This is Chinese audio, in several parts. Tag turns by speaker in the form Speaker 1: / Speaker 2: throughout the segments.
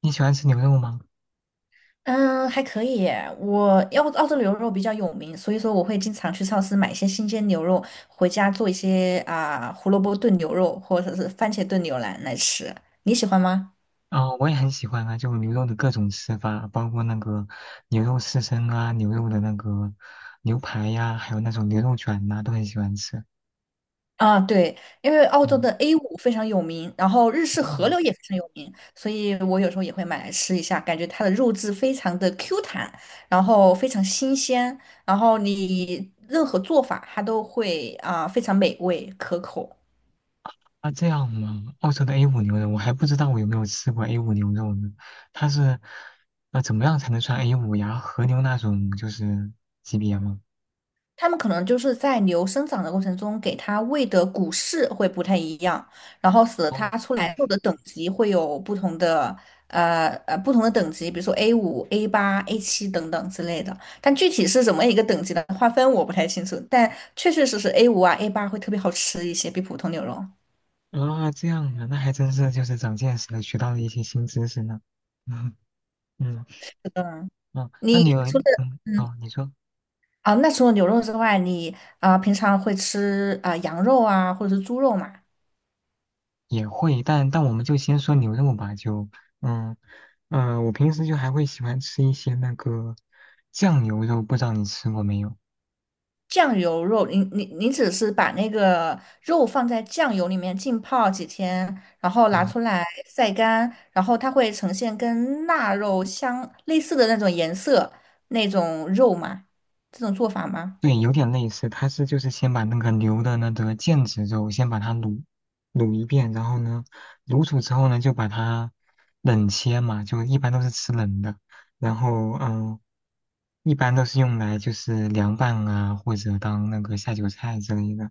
Speaker 1: 你喜欢吃牛肉吗？
Speaker 2: 嗯，还可以耶。我澳洲牛肉比较有名，所以说我会经常去超市买一些新鲜牛肉，回家做一些胡萝卜炖牛肉或者是番茄炖牛腩来吃。你喜欢吗？
Speaker 1: 啊，我也很喜欢啊，就牛肉的各种吃法，包括那个牛肉刺身啊，牛肉的那个牛排呀、还有那种牛肉卷呐、都很喜欢吃。
Speaker 2: 啊，对，因为澳洲
Speaker 1: 嗯，
Speaker 2: 的 A5 非常有名，然后日式
Speaker 1: 哦，
Speaker 2: 和牛也非常有名，所以我有时候也会买来吃一下，感觉它的肉质非常的 Q 弹，然后非常新鲜，然后你任何做法它都会非常美味可口。
Speaker 1: 啊这样嘛，澳洲的 a 五牛肉，我还不知道我有没有吃过 a 五牛肉呢。它是，怎么样才能算 a 五呀？和牛那种就是级别吗？
Speaker 2: 他们可能就是在牛生长的过程中，给它喂的谷饲会不太一样，然后使得它
Speaker 1: 哦，
Speaker 2: 出来后的等级会有不同的，不同的等级，比如说 A 五、A 八、A 七等等之类的。但具体是怎么一个等级的划分，我不太清楚。但确确实实 A 五A 八会特别好吃一些，比普通牛肉。
Speaker 1: 啊这样啊，那还真是就是长见识了，学到了一些新知识呢。嗯嗯，
Speaker 2: 嗯，
Speaker 1: 哦，那
Speaker 2: 你
Speaker 1: 你有
Speaker 2: 除了
Speaker 1: 嗯哦，你说。
Speaker 2: 啊，那除了牛肉之外，你平常会吃羊肉啊，或者是猪肉嘛？
Speaker 1: 也会，但我们就先说牛肉吧，就嗯嗯，我平时就还会喜欢吃一些那个酱牛肉，不知道你吃过没有？
Speaker 2: 酱油肉，你只是把那个肉放在酱油里面浸泡几天，然后拿
Speaker 1: 嗯，
Speaker 2: 出来晒干，然后它会呈现跟腊肉相类似的那种颜色，那种肉嘛，这种做法吗？
Speaker 1: 对，有点类似，它是就是先把那个牛的那个腱子肉先把它卤一遍，然后呢，卤煮之后呢，就把它冷切嘛，就一般都是吃冷的，然后嗯，一般都是用来就是凉拌啊，或者当那个下酒菜之类的。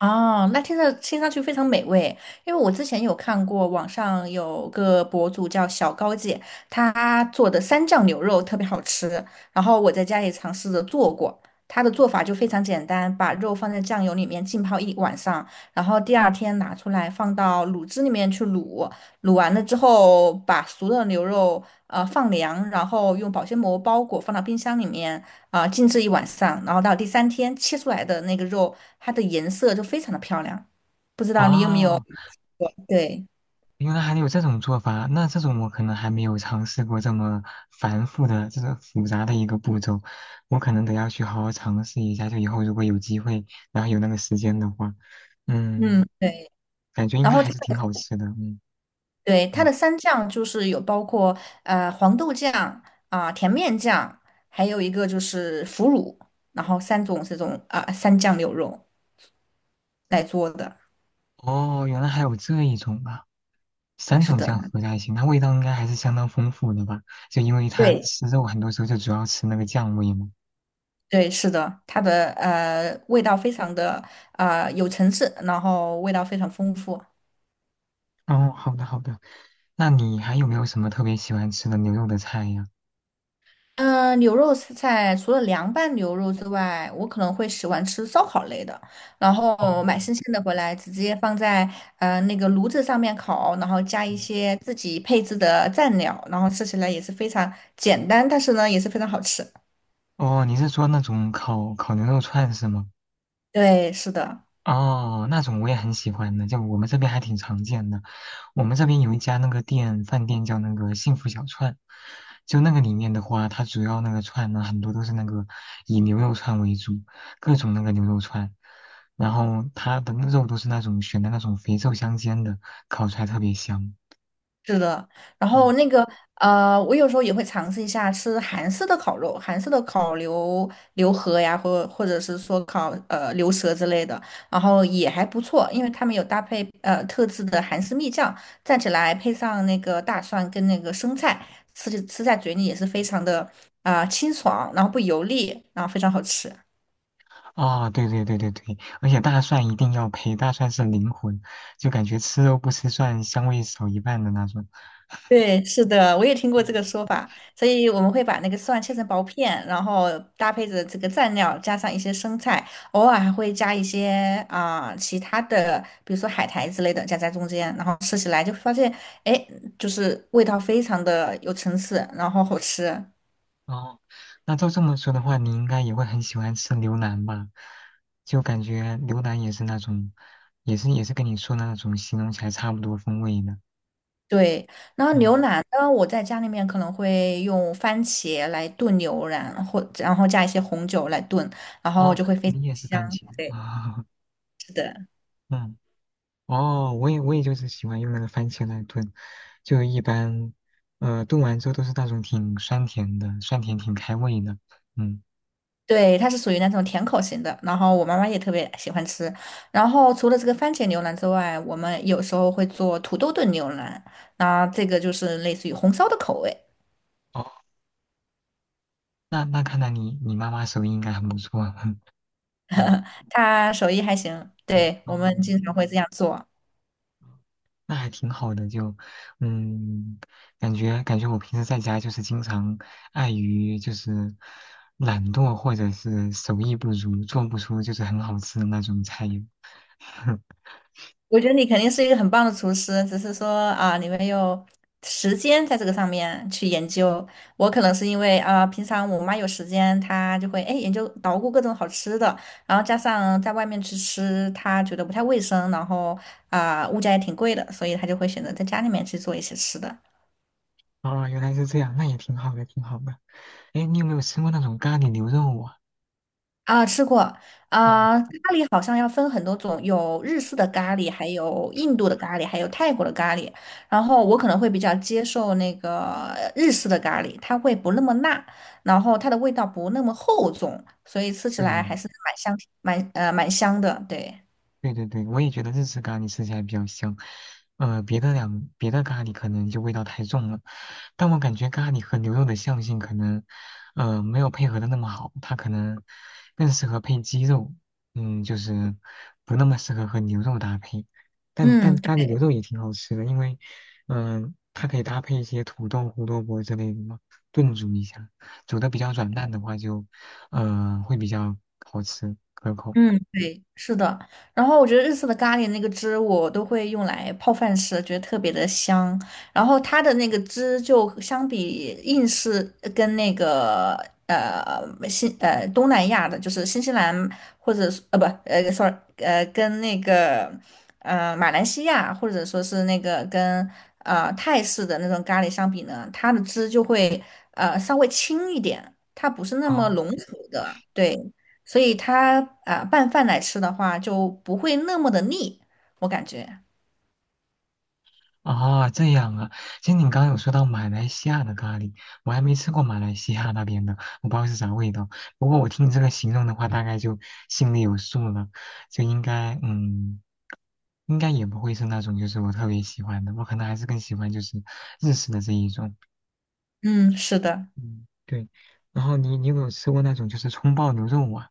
Speaker 2: 哦，那听着听上去非常美味，因为我之前有看过网上有个博主叫小高姐，她做的三酱牛肉特别好吃，然后我在家里尝试着做过，她的做法就非常简单，把肉放在酱油里面浸泡一晚上，然后第二天拿出来放到卤汁里面去卤，卤完了之后把熟的牛肉放凉，然后用保鲜膜包裹放到冰箱里面。静置一晚上，然后到第三天切出来的那个肉，它的颜色就非常的漂亮。不知道你有没有
Speaker 1: 啊，
Speaker 2: 吃过对，
Speaker 1: 原来还有这种做法，那这种我可能还没有尝试过这么繁复的、这个复杂的一个步骤，我可能得要去好好尝试一下。就以后如果有机会，然后有那个时间的话，嗯，
Speaker 2: 嗯，对。
Speaker 1: 感觉应
Speaker 2: 然
Speaker 1: 该
Speaker 2: 后
Speaker 1: 还
Speaker 2: 它
Speaker 1: 是挺好吃的。嗯
Speaker 2: 对它的
Speaker 1: 嗯，
Speaker 2: 三酱就是有包括黄豆酱甜面酱，还有一个就是腐乳，然后三种这种三酱牛肉来做的。
Speaker 1: 哦，原来还有这一种啊，三
Speaker 2: 是
Speaker 1: 种
Speaker 2: 的
Speaker 1: 酱
Speaker 2: 呢，
Speaker 1: 合在一起，那味道应该还是相当丰富的吧？就因为它
Speaker 2: 对
Speaker 1: 吃肉很多时候就主要吃那个酱味嘛。
Speaker 2: 对，是的，它的味道非常的有层次，然后味道非常丰富。
Speaker 1: 哦，好的好的，那你还有没有什么特别喜欢吃的牛肉的菜呀？
Speaker 2: 嗯，牛肉菜除了凉拌牛肉之外，我可能会喜欢吃烧烤类的，然后
Speaker 1: 哦。
Speaker 2: 买新鲜的回来，直接放在那个炉子上面烤，然后加一些自己配置的蘸料，然后吃起来也是非常简单，但是呢也是非常好吃。
Speaker 1: 哦，你是说那种烤牛肉串是吗？
Speaker 2: 对，是的。
Speaker 1: 哦，那种我也很喜欢的，就我们这边还挺常见的。我们这边有一家那个店，饭店叫那个幸福小串，就那个里面的话，它主要那个串呢，很多都是那个以牛肉串为主，各种那个牛肉串，然后它的那肉都是那种选的那种肥瘦相间的，烤出来特别香。
Speaker 2: 是的，然后
Speaker 1: 嗯
Speaker 2: 那个我有时候也会尝试一下吃韩式的烤肉，韩式的烤牛河呀，或者是说烤牛舌之类的，然后也还不错，因为他们有搭配特制的韩式蜜酱，蘸起来配上那个大蒜跟那个生菜，吃在嘴里也是非常的清爽，然后不油腻，然后非常好吃。
Speaker 1: 啊、对对对对对，而且大蒜一定要配，大蒜是灵魂，就感觉吃肉不吃蒜，香味少一半的那种。
Speaker 2: 对，是的，我也听过这个说法，所以我们会把那个蒜切成薄片，然后搭配着这个蘸料，加上一些生菜，偶尔还会加一些其他的，比如说海苔之类的夹在中间，然后吃起来就发现，哎，就是味道非常的有层次，然后好吃。
Speaker 1: 哦，那照这么说的话，你应该也会很喜欢吃牛腩吧？就感觉牛腩也是那种，也是跟你说的那种形容起来差不多风味的。
Speaker 2: 对，然后牛
Speaker 1: 嗯，
Speaker 2: 腩呢，我在家里面可能会用番茄来炖牛腩，然后加一些红酒来炖，然后
Speaker 1: 哦，
Speaker 2: 就会非常
Speaker 1: 你也是
Speaker 2: 香。
Speaker 1: 番茄
Speaker 2: 对，
Speaker 1: 啊、
Speaker 2: 是的。
Speaker 1: 嗯，哦，我也就是喜欢用那个番茄来炖，就一般，炖完之后都是那种挺酸甜的，酸甜挺开胃的。嗯。
Speaker 2: 对，它是属于那种甜口型的，然后我妈妈也特别喜欢吃。然后除了这个番茄牛腩之外，我们有时候会做土豆炖牛腩，那这个就是类似于红烧的口味，
Speaker 1: 哦，那看来你妈妈手艺应该很不错啊，嗯
Speaker 2: 它手艺还行。
Speaker 1: 嗯
Speaker 2: 对，
Speaker 1: 哦，
Speaker 2: 我们经常会这样做。
Speaker 1: 那还挺好的，就嗯，感觉我平时在家就是经常碍于就是懒惰或者是手艺不足，做不出就是很好吃的那种菜肴。
Speaker 2: 我觉得你肯定是一个很棒的厨师，只是说啊，你没有时间在这个上面去研究。我可能是因为啊，平常我妈有时间，她就会哎研究捣鼓各种好吃的，然后加上在外面去吃，她觉得不太卫生，然后啊物价也挺贵的，所以她就会选择在家里面去做一些吃的。
Speaker 1: 哦，原来是这样，那也挺好的，挺好的。哎，你有没有吃过那种咖喱牛肉啊？
Speaker 2: 啊，吃过
Speaker 1: 啊，
Speaker 2: 啊，咖喱好像要分很多种，有日式的咖喱，还有印度的咖喱，还有泰国的咖喱。然后我可能会比较接受那个日式的咖喱，它会不那么辣，然后它的味道不那么厚重，所以吃起来还
Speaker 1: 对
Speaker 2: 是蛮香，蛮香的。对，
Speaker 1: 对对对，我也觉得日式咖喱吃起来比较香，别的咖喱可能就味道太重了，但我感觉咖喱和牛肉的相性可能，没有配合的那么好，它可能更适合配鸡肉，嗯，就是不那么适合和牛肉搭配，但
Speaker 2: 嗯，
Speaker 1: 咖喱牛肉也挺好吃的，因为，嗯、它可以搭配一些土豆、胡萝卜之类的嘛，炖煮一下，煮的比较软烂的话就，会比较好吃可口。
Speaker 2: 嗯，对，是的。然后我觉得日式的咖喱那个汁，我都会用来泡饭吃，觉得特别的香。然后它的那个汁就相比印式跟那个呃新呃东南亚的，就是新西兰或者是呃不呃 sorry 呃跟那个马来西亚或者说是那个跟泰式的那种咖喱相比呢，它的汁就会稍微轻一点，它不是那么
Speaker 1: 啊。
Speaker 2: 浓稠的，对。所以它拌饭来吃的话就不会那么的腻，我感觉。
Speaker 1: 啊，这样啊，其实你刚刚有说到马来西亚的咖喱，我还没吃过马来西亚那边的，我不知道是啥味道。不过我听你这个形容的话，大概就心里有数了，就应该，嗯，应该也不会是那种就是我特别喜欢的，我可能还是更喜欢就是日式的这一种。
Speaker 2: 嗯，是的，
Speaker 1: 嗯，对。然后你有没有吃过那种就是葱爆牛肉啊？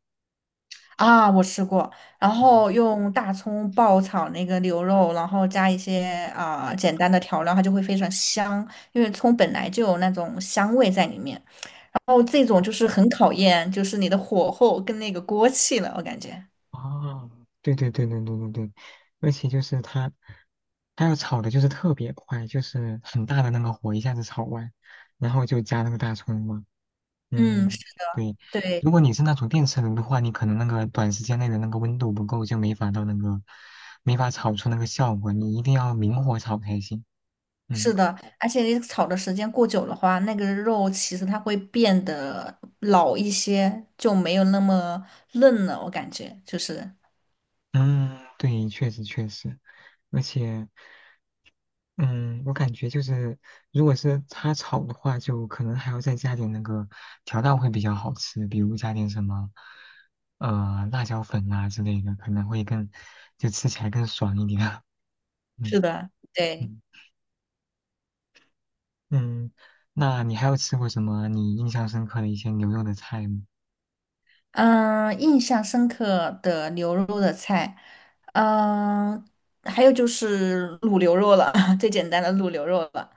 Speaker 2: 啊，我吃过，然后用大葱爆炒那个牛肉，然后加一些简单的调料，它就会非常香，因为葱本来就有那种香味在里面。然后这种就是很考验，就是你的火候跟那个锅气了，我感觉。
Speaker 1: 哦，对对对对对对对，而且就是它，它要炒的就是特别快，就是很大的那个火一下子炒完，然后就加那个大葱嘛。
Speaker 2: 嗯，是
Speaker 1: 嗯，对。
Speaker 2: 对。
Speaker 1: 如果你是那种电磁炉的话，你可能那个短时间内的那个温度不够，就没法到那个，没法炒出那个效果。你一定要明火炒才行。嗯
Speaker 2: 是的，而且你炒的时间过久的话，那个肉其实它会变得老一些，就没有那么嫩了。我感觉就是，
Speaker 1: 嗯，对，确实确实，而且。嗯，我感觉就是，如果是它炒的话，就可能还要再加点那个调料会比较好吃，比如加点什么，辣椒粉啊之类的，可能会更，就吃起来更爽一点。嗯
Speaker 2: 是的，对。
Speaker 1: 嗯嗯，那你还有吃过什么你印象深刻的一些牛肉的菜吗？
Speaker 2: 嗯，印象深刻的牛肉的菜，嗯，还有就是卤牛肉了，最简单的卤牛肉了。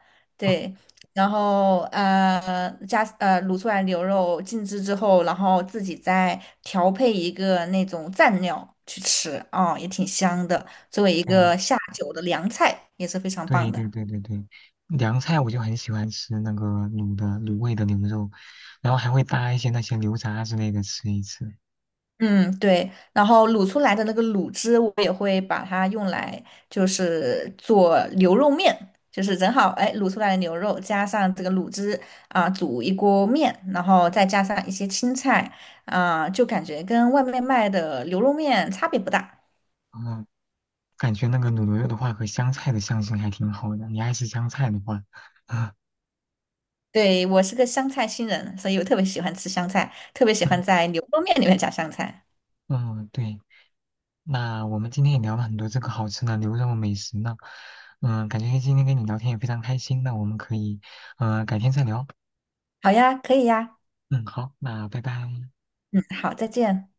Speaker 1: 哦，
Speaker 2: 对，然后加卤出来牛肉静置之后，然后自己再调配一个那种蘸料去吃，哦，也挺香的，作为一
Speaker 1: 对
Speaker 2: 个下酒的凉菜，也是非常棒
Speaker 1: 对
Speaker 2: 的。
Speaker 1: 对对对对，凉菜我就很喜欢吃那个卤的卤味的牛肉，然后还会搭一些那些牛杂之类的吃一吃。
Speaker 2: 嗯，对，然后卤出来的那个卤汁，我也会把它用来就是做牛肉面，就是正好哎卤出来的牛肉加上这个卤汁啊，煮一锅面，然后再加上一些青菜啊，就感觉跟外面卖的牛肉面差别不大。
Speaker 1: 哦感觉那个卤牛肉的话和香菜的香型还挺好的。你爱吃香菜的话，啊，
Speaker 2: 对，我是个香菜新人，所以我特别喜欢吃香菜，特别喜欢
Speaker 1: 嗯
Speaker 2: 在牛肉面里面加香菜。
Speaker 1: 嗯，对。那我们今天也聊了很多这个好吃的牛肉美食呢，嗯，感觉今天跟你聊天也非常开心。那我们可以，改天再聊。
Speaker 2: 好呀，可以呀，
Speaker 1: 嗯，好，那拜拜。
Speaker 2: 嗯，好，再见。